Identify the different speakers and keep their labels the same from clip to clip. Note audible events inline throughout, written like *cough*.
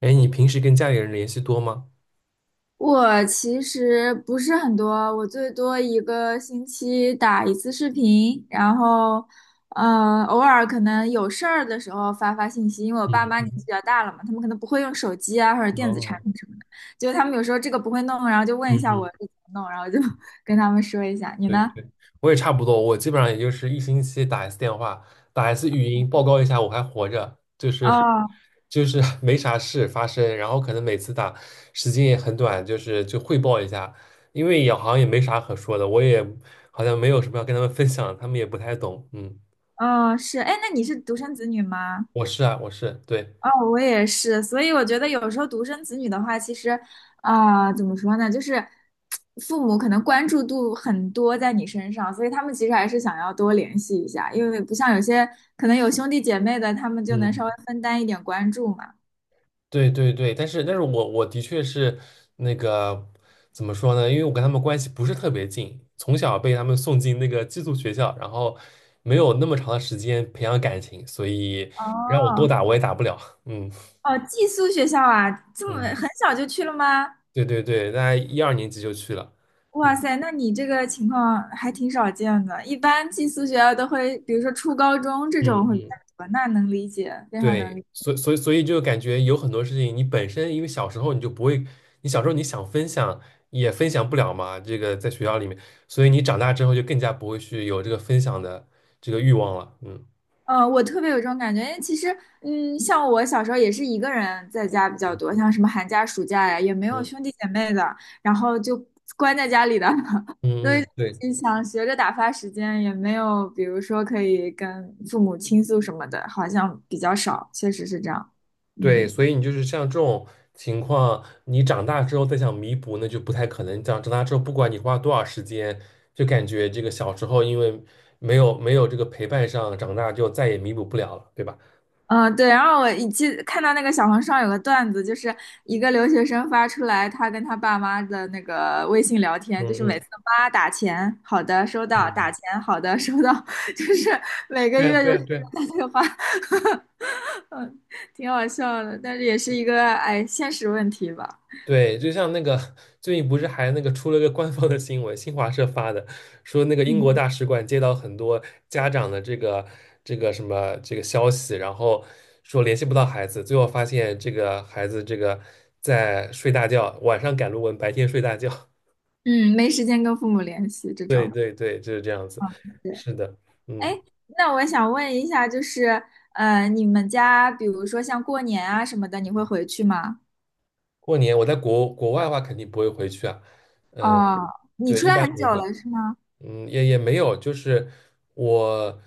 Speaker 1: 哎，你平时跟家里人联系多吗？
Speaker 2: 我其实不是很多，我最多一个星期打一次视频，然后，偶尔可能有事儿的时候发发信息，因为我爸
Speaker 1: 嗯
Speaker 2: 妈年纪
Speaker 1: 嗯。
Speaker 2: 比较大了嘛，他们可能不会用手机啊或者电子产
Speaker 1: 哦。
Speaker 2: 品什么的，就他们有时候这个不会弄，然后就问
Speaker 1: 嗯
Speaker 2: 一下
Speaker 1: 嗯。
Speaker 2: 我这怎么弄，然后就 *laughs* 跟他们说一下。你
Speaker 1: 对
Speaker 2: 呢？
Speaker 1: 对，我也差不多，我基本上也就是一星期打一次电话，打一次语音报告一下我还活着，就是
Speaker 2: 哦，
Speaker 1: 就是没啥事发生，然后可能每次打时间也很短，就是就汇报一下，因为也好像也没啥可说的，我也好像没有什么要跟他们分享，他们也不太懂。嗯。
Speaker 2: 哦，是，哎，那你是独生子女吗？
Speaker 1: 我是啊，我是，对。
Speaker 2: 哦，我也是，所以我觉得有时候独生子女的话，其实啊、怎么说呢，就是父母可能关注度很多在你身上，所以他们其实还是想要多联系一下，因为不像有些可能有兄弟姐妹的，他们就能稍微
Speaker 1: 嗯。
Speaker 2: 分担一点关注嘛。
Speaker 1: 对对对，但是我的确是那个怎么说呢？因为我跟他们关系不是特别近，从小被他们送进那个寄宿学校，然后没有那么长的时间培养感情，所以让我多
Speaker 2: 哦
Speaker 1: 打我也打不了。*laughs* 嗯。
Speaker 2: 哦，寄宿学校啊，这么
Speaker 1: 嗯，
Speaker 2: 很小就去了吗？
Speaker 1: 对对对，大概一二年级就去了。
Speaker 2: 哇
Speaker 1: 嗯。
Speaker 2: 塞，那你这个情况还挺少见的，一般寄宿学校都会，比如说初高中这种
Speaker 1: 嗯
Speaker 2: 会比
Speaker 1: 嗯。
Speaker 2: 较多，那能理解，非常能
Speaker 1: 对，
Speaker 2: 理解。
Speaker 1: 所以就感觉有很多事情，你本身因为小时候你就不会，你小时候你想分享也分享不了嘛，这个在学校里面，所以你长大之后就更加不会去有这个分享的这个欲望了。嗯
Speaker 2: 嗯，我特别有这种感觉，因为其实，嗯，像我小时候也是一个人在家比较多，像什么寒假、暑假呀，也没有
Speaker 1: 嗯。
Speaker 2: 兄弟姐妹的，然后就关在家里的，*laughs* 所
Speaker 1: 嗯。
Speaker 2: 以
Speaker 1: 嗯，对
Speaker 2: 就想学着打发时间，也没有，比如说可以跟父母倾诉什么的，好像比较少，确实是这样。
Speaker 1: 对，
Speaker 2: 嗯。
Speaker 1: 所以你就是像这种情况，你长大之后再想弥补，那就不太可能。长大之后，不管你花多少时间，就感觉这个小时候因为没有这个陪伴上，长大就再也弥补不了了，对吧？
Speaker 2: 嗯，对，然后我一记看到那个小红书上有个段子，就是一个留学生发出来他跟他爸妈的那个微信聊
Speaker 1: 嗯。
Speaker 2: 天，就是每
Speaker 1: 嗯。
Speaker 2: 次妈打钱，好的收到，打
Speaker 1: 嗯，
Speaker 2: 钱，好的收到，*laughs* 就是每个
Speaker 1: 对啊
Speaker 2: 月就
Speaker 1: 对
Speaker 2: 是
Speaker 1: 啊对啊。
Speaker 2: 这个打电话 *laughs*，挺好笑的，但是也是一个哎现实问题吧，
Speaker 1: 对，就像那个最近不是还那个出了个官方的新闻，新华社发的，说那个英国
Speaker 2: 嗯
Speaker 1: 大使馆接到很多家长的这个这个什么这个消息，然后说联系不到孩子，最后发现这个孩子这个在睡大觉，晚上赶论文，白天睡大觉。*laughs*
Speaker 2: 嗯，没时间跟父母联系这
Speaker 1: 对
Speaker 2: 种，
Speaker 1: 对对，就是这样子。
Speaker 2: 嗯，对，
Speaker 1: 是的。
Speaker 2: 哎，
Speaker 1: 嗯。
Speaker 2: 那我想问一下，就是你们家比如说像过年啊什么的，你会回去吗？
Speaker 1: 过年我在国外的话肯定不会回去啊。嗯。
Speaker 2: 哦，你
Speaker 1: 对，
Speaker 2: 出
Speaker 1: 一
Speaker 2: 来
Speaker 1: 般
Speaker 2: 很
Speaker 1: 不
Speaker 2: 久
Speaker 1: 会。
Speaker 2: 了是吗？
Speaker 1: 嗯，也也没有，就是我，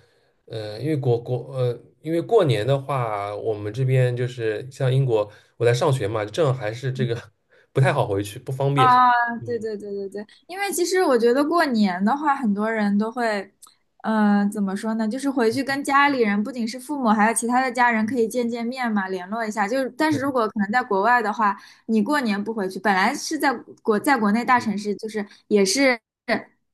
Speaker 1: 因为因为过年的话，我们这边就是像英国，我在上学嘛，正好还是这个 *laughs* 不太好回去，不方便。
Speaker 2: 啊，对
Speaker 1: 嗯。
Speaker 2: 对对对对，因为其实我觉得过年的话，很多人都会，嗯，怎么说呢？就是回去
Speaker 1: *laughs*
Speaker 2: 跟家里人，不仅是父母，还有其他的家人，可以见见面嘛，联络一下。就是但是
Speaker 1: 嗯。
Speaker 2: 如果可能在国外的话，你过年不回去，本来是在国内大
Speaker 1: 嗯，
Speaker 2: 城市，就是也是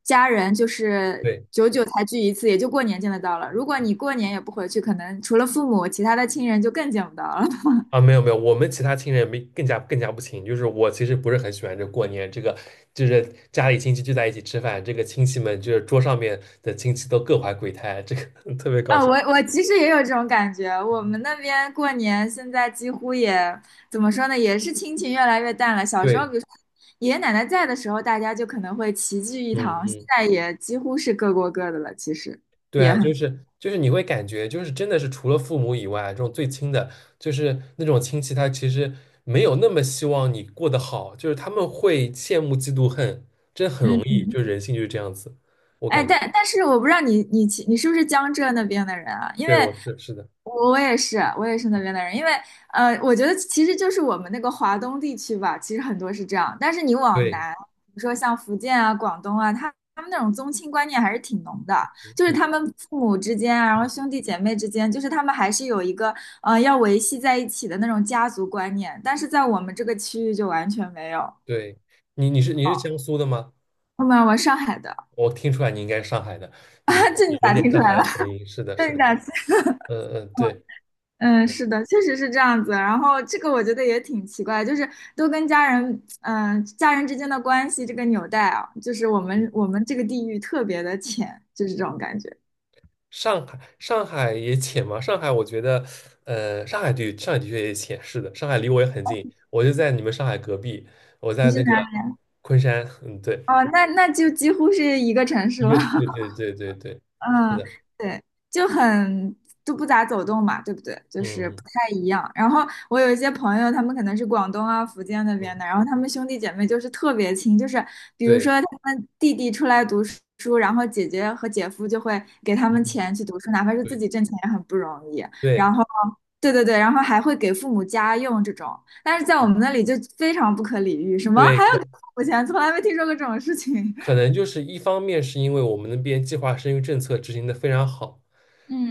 Speaker 2: 家人，就是
Speaker 1: 对
Speaker 2: 久久才聚一次，也就过年见得到了。如果你过年也不回去，可能除了父母，其他的亲人就更见不到了。
Speaker 1: 啊，没有没有，我们其他亲人没更加不亲，就是我其实不是很喜欢这过年这个，就是家里亲戚聚在一起吃饭，这个亲戚们就是桌上面的亲戚都各怀鬼胎，这个 *laughs* 特别搞
Speaker 2: 啊，
Speaker 1: 笑。
Speaker 2: 我其实也有这种感觉。我们那边过年现在几乎也怎么说呢，也是亲情越来越淡了。小时候，
Speaker 1: 对。
Speaker 2: 比如说爷爷奶奶在的时候，大家就可能会齐聚一
Speaker 1: 嗯
Speaker 2: 堂，现
Speaker 1: 嗯。
Speaker 2: 在也几乎是各过各的了。其实
Speaker 1: 对
Speaker 2: 也
Speaker 1: 啊，就
Speaker 2: 很，
Speaker 1: 是就是你会感觉就是真的是除了父母以外，这种最亲的，就是那种亲戚，他其实没有那么希望你过得好，就是他们会羡慕、嫉妒、恨，真的很容
Speaker 2: 嗯，
Speaker 1: 易，就是人性就是这样子，我
Speaker 2: 哎，
Speaker 1: 感觉。
Speaker 2: 但是我不知道你是不是江浙那边的人啊？因为
Speaker 1: 对，我是是的。
Speaker 2: 我也是，我也是那边的人，因为我觉得其实就是我们那个华东地区吧，其实很多是这样。但是你往
Speaker 1: 对。
Speaker 2: 南，比如说像福建啊、广东啊，他们那种宗亲观念还是挺浓的，就是
Speaker 1: 嗯，
Speaker 2: 他们父母之间啊，然后兄弟姐妹之间，就是他们还是有一个要维系在一起的那种家族观念。但是在我们这个区域就完全没有。
Speaker 1: 对，你是江苏的吗？
Speaker 2: 后面我上海的，
Speaker 1: 我听出来你应该是上海的，你这
Speaker 2: *laughs*
Speaker 1: 个
Speaker 2: 这你
Speaker 1: 有有
Speaker 2: 咋
Speaker 1: 点
Speaker 2: 听出
Speaker 1: 上海
Speaker 2: 来
Speaker 1: 的
Speaker 2: 了？
Speaker 1: 口音，是的，
Speaker 2: *laughs* 这
Speaker 1: 是
Speaker 2: 你
Speaker 1: 的。
Speaker 2: 咋？
Speaker 1: 嗯嗯，对，
Speaker 2: 嗯，
Speaker 1: 对。
Speaker 2: 是的，确实是这样子。然后这个我觉得也挺奇怪，就是都跟家人，嗯、家人之间的关系这个纽带啊，就是我
Speaker 1: 嗯，
Speaker 2: 们我们这个地域特别的浅，就是这种感觉。
Speaker 1: 上海，上海也浅嘛？上海，我觉得，上海对上海的确也浅，是的，上海离我也很近，我就在你们上海隔壁，我
Speaker 2: 你
Speaker 1: 在
Speaker 2: 是
Speaker 1: 那个
Speaker 2: 哪？
Speaker 1: 昆山。嗯，对，
Speaker 2: 哦，那那就几乎是一个城市
Speaker 1: 一
Speaker 2: 了。
Speaker 1: 个，
Speaker 2: *laughs*
Speaker 1: 对对对对对。是
Speaker 2: 嗯，
Speaker 1: 的。
Speaker 2: 对，就很就不咋走动嘛，对不对？就是不
Speaker 1: 嗯
Speaker 2: 太一样。然后我有一些朋友，他们可能是广东啊、福建那边
Speaker 1: 嗯，
Speaker 2: 的，然后他们兄弟姐妹就是特别亲，就是比如
Speaker 1: 对。
Speaker 2: 说他们弟弟出来读书，然后姐姐和姐夫就会给他
Speaker 1: 嗯
Speaker 2: 们
Speaker 1: 嗯，
Speaker 2: 钱去读书，哪怕是自
Speaker 1: 对
Speaker 2: 己挣钱也很不容易。
Speaker 1: 对。
Speaker 2: 然后，对对对，然后还会给父母家用这种，但是在我
Speaker 1: 嗯。
Speaker 2: 们那里就非常不可理喻，什么还
Speaker 1: 对，
Speaker 2: 要给父母钱，从来没听说过这种事情。*laughs*
Speaker 1: 可能就是一方面是因为我们那边计划生育政策执行的非常好，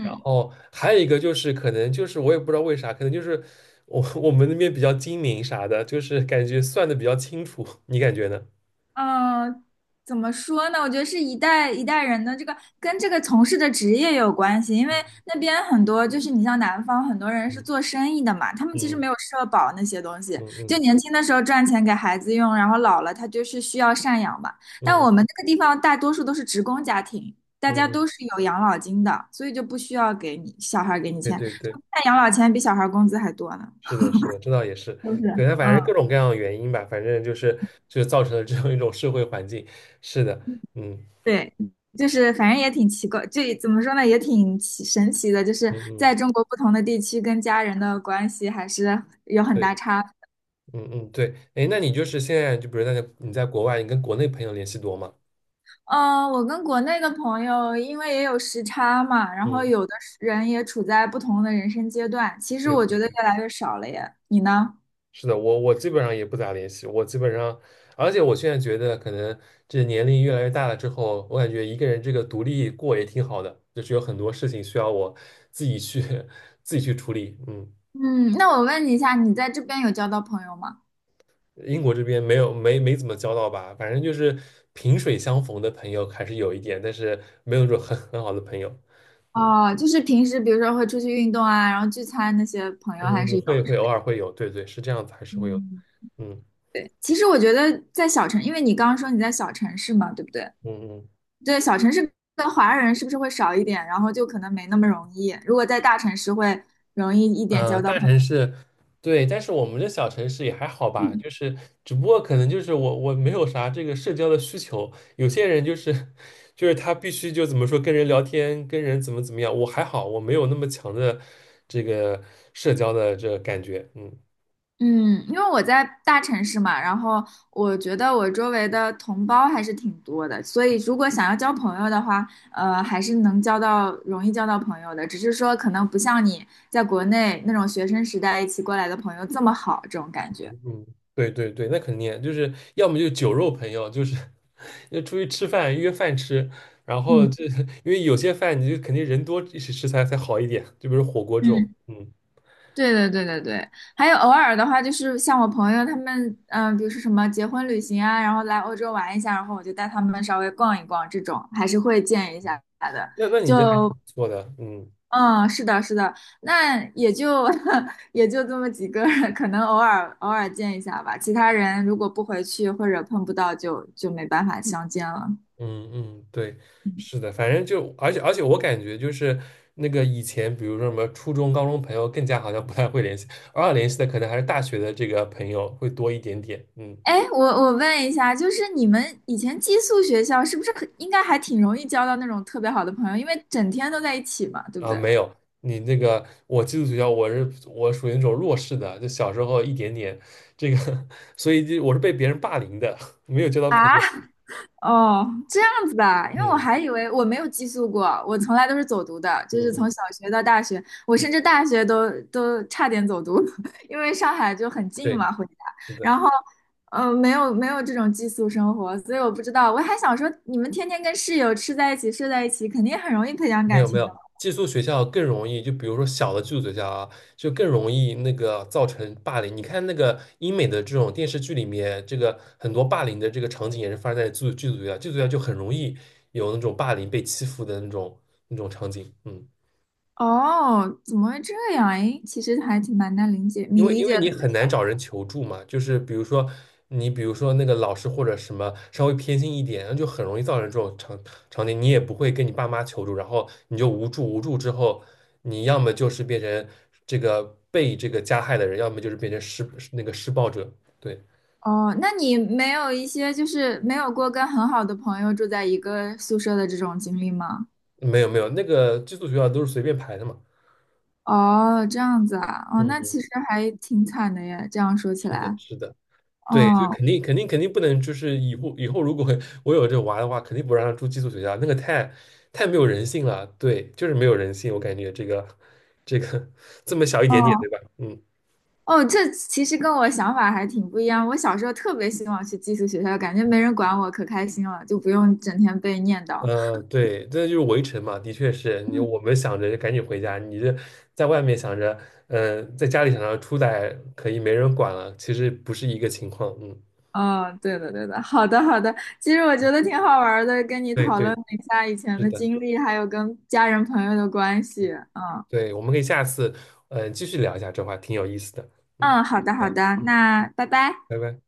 Speaker 1: 然后还有一个就是可能就是我也不知道为啥，可能就是我们那边比较精明啥的，就是感觉算的比较清楚，你感觉呢？
Speaker 2: 嗯，怎么说呢？我觉得是一代一代人的这个跟这个从事的职业有关系，因为那边很多就是你像南方很多人是
Speaker 1: 嗯。
Speaker 2: 做生意的嘛，他们其实
Speaker 1: 嗯。
Speaker 2: 没有社保那些东西，
Speaker 1: 嗯。
Speaker 2: 就
Speaker 1: 嗯。
Speaker 2: 年轻的时候赚钱给孩子用，然后老了他就是需要赡养嘛。但
Speaker 1: 嗯。
Speaker 2: 我们这个地方大多数都是职工家庭，大
Speaker 1: 嗯。
Speaker 2: 家
Speaker 1: 嗯，
Speaker 2: 都是有养老金的，所以就不需要给你小孩儿给你
Speaker 1: 对
Speaker 2: 钱，
Speaker 1: 对对，
Speaker 2: 那养老钱比小孩儿工资还多呢。
Speaker 1: 是的，是的，这倒也是。
Speaker 2: 就是。
Speaker 1: 对，它反正各
Speaker 2: 嗯。
Speaker 1: 种各样的原因吧，反正就是就造成了这样一种社会环境。是的。嗯。
Speaker 2: 对，就是反正也挺奇怪，这怎么说呢，也挺神奇的，就是
Speaker 1: 嗯。嗯，
Speaker 2: 在中国不同的地区跟家人的关系还是有很大
Speaker 1: 对。
Speaker 2: 差别。
Speaker 1: 嗯嗯，对，哎，那你就是现在就比如那个你在国外，你跟国内朋友联系多吗？
Speaker 2: 嗯、我跟国内的朋友，因为也有时差嘛，然后
Speaker 1: 嗯，
Speaker 2: 有的是人也处在不同的人生阶段，其实
Speaker 1: 对
Speaker 2: 我
Speaker 1: 对，
Speaker 2: 觉得越来越少了耶。你呢？
Speaker 1: 是的，我我基本上也不咋联系，我基本上，而且我现在觉得可能这年龄越来越大了之后，我感觉一个人这个独立过也挺好的，就是有很多事情需要我自己去 *laughs* 自己去处理。嗯。
Speaker 2: 嗯，那我问你一下，你在这边有交到朋友吗？
Speaker 1: 英国这边没没怎么交到吧，反正就是萍水相逢的朋友还是有一点，但是没有说很很好的朋友。嗯。
Speaker 2: 哦，就是平时比如说会出去运动啊，然后聚餐那些朋友
Speaker 1: 嗯，
Speaker 2: 还是有的
Speaker 1: 会会偶尔会有，对对，是这样子，还是会有。
Speaker 2: 嗯
Speaker 1: 嗯。
Speaker 2: 对，其实我觉得在小城，因为你刚刚说你在小城市嘛，对不对？
Speaker 1: 嗯。嗯，
Speaker 2: 对，小城市的华人是不是会少一点，然后就可能没那么容易。如果在大城市会容易一点交到
Speaker 1: 大
Speaker 2: 朋
Speaker 1: 城
Speaker 2: 友。
Speaker 1: 市，对，但是我们这小城市也还好吧，就是只不过可能就是我没有啥这个社交的需求，有些人就是 *laughs* 就是他必须就怎么说跟人聊天，跟人怎么怎么样，我还好，我没有那么强的这个社交的这个感觉。嗯。
Speaker 2: 嗯，因为我在大城市嘛，然后我觉得我周围的同胞还是挺多的，所以如果想要交朋友的话，还是能交到，容易交到朋友的，只是说可能不像你在国内那种学生时代一起过来的朋友这么好，这种感觉。
Speaker 1: 嗯，对对对，那肯定就是要么就酒肉朋友，就是 *laughs* 要出去吃饭约饭吃，然后这
Speaker 2: 嗯
Speaker 1: 因为有些饭你就肯定人多一起吃才才好一点，就比如火锅这种。
Speaker 2: 嗯。
Speaker 1: 嗯。
Speaker 2: 对对对对对，还有偶尔的话，就是像我朋友他们，嗯、比如说什么结婚旅行啊，然后来欧洲玩一下，然后我就带他们稍微逛一逛，这种还是会见一下的。
Speaker 1: 那那你这还挺
Speaker 2: 就
Speaker 1: 不错的。嗯。
Speaker 2: 嗯，是的，是的，那也就 *laughs* 也就这么几个人，可能偶尔见一下吧。其他人如果不回去或者碰不到就，就没办法相见了。
Speaker 1: 嗯。嗯，对，是的，反正就而且我感觉就是那个以前比如说什么初中高中朋友更加好像不太会联系，偶尔联系的可能还是大学的这个朋友会多一点点。嗯。
Speaker 2: 哎，我问一下，就是你们以前寄宿学校是不是很应该还挺容易交到那种特别好的朋友，因为整天都在一起嘛，对不
Speaker 1: 啊，
Speaker 2: 对？
Speaker 1: 没有，你那个我寄宿学校，我属于那种弱势的，就小时候一点点这个，*laughs* 所以就我是被别人霸凌的，*laughs* 没有交到朋
Speaker 2: 啊，
Speaker 1: 友。
Speaker 2: 哦，这样子的啊因为我
Speaker 1: 嗯。
Speaker 2: 还以为我没有寄宿过，我从来都是走读的，就
Speaker 1: 嗯。
Speaker 2: 是从
Speaker 1: 嗯。
Speaker 2: 小学到大学，我
Speaker 1: 嗯，
Speaker 2: 甚至大学都差点走读，*laughs* 因为上海就很近
Speaker 1: 对，
Speaker 2: 嘛，回家，
Speaker 1: 是的，
Speaker 2: 然后，嗯，没有没有这种寄宿生活，所以我不知道，我还想说，你们天天跟室友吃在一起，睡在一起，肯定很容易培养
Speaker 1: 没
Speaker 2: 感
Speaker 1: 有没
Speaker 2: 情的
Speaker 1: 有，
Speaker 2: 嘛
Speaker 1: 寄宿学校更容易，就比如说小的寄宿学校啊，就更容易那个造成霸凌。你看那个英美的这种电视剧里面，这个很多霸凌的这个场景也是发生在寄宿学校，寄宿学校就很容易有那种霸凌被欺负的那种那种场景。嗯。
Speaker 2: 哦，怎么会这样？诶，其实还挺蛮难理解，
Speaker 1: 因
Speaker 2: 你
Speaker 1: 为
Speaker 2: 理
Speaker 1: 因
Speaker 2: 解
Speaker 1: 为
Speaker 2: 的
Speaker 1: 你很难找人求助嘛，就是比如说你比如说那个老师或者什么稍微偏心一点，那就很容易造成这种场景，你也不会跟你爸妈求助，然后你就无助，无助之后，你要么就是变成这个被这个加害的人，要么就是变成施那个施暴者。对。
Speaker 2: 哦，那你没有一些就是没有过跟很好的朋友住在一个宿舍的这种经历吗？
Speaker 1: 没有没有，那个寄宿学校都是随便排的嘛。
Speaker 2: 哦，这样子啊，哦，
Speaker 1: 嗯。
Speaker 2: 那
Speaker 1: 嗯。
Speaker 2: 其实还挺惨的耶，这样说起
Speaker 1: 是的，
Speaker 2: 来，
Speaker 1: 是的。对，就
Speaker 2: 哦，
Speaker 1: 肯定肯定肯定不能，就是以后以后如果 *laughs* 我有这娃的话，肯定不让他住寄宿学校，那个太没有人性了。对，就是没有人性，我感觉这个这个这么小一点点，对
Speaker 2: 哦，
Speaker 1: 吧？嗯。
Speaker 2: 哦，这其实跟我想法还挺不一样。我小时候特别希望去寄宿学校，感觉没人管我，可开心了，就不用整天被念叨。
Speaker 1: 对，这就是围城嘛，的确是你我们想着赶紧回家，你这在外面想着，在家里想着出来可以没人管了，其实不是一个情况。嗯，
Speaker 2: 哦，对的，对的，好的，好的。其实我觉得挺好玩儿的，跟你
Speaker 1: 对
Speaker 2: 讨论
Speaker 1: 对，
Speaker 2: 了一下以前
Speaker 1: 是
Speaker 2: 的
Speaker 1: 的，
Speaker 2: 经历，还有跟家人朋友的关系。嗯，
Speaker 1: 对，我们可以下次继续聊一下这话，挺有意思的。嗯，
Speaker 2: 嗯，好的好
Speaker 1: 好，
Speaker 2: 的，那拜拜。
Speaker 1: 拜拜。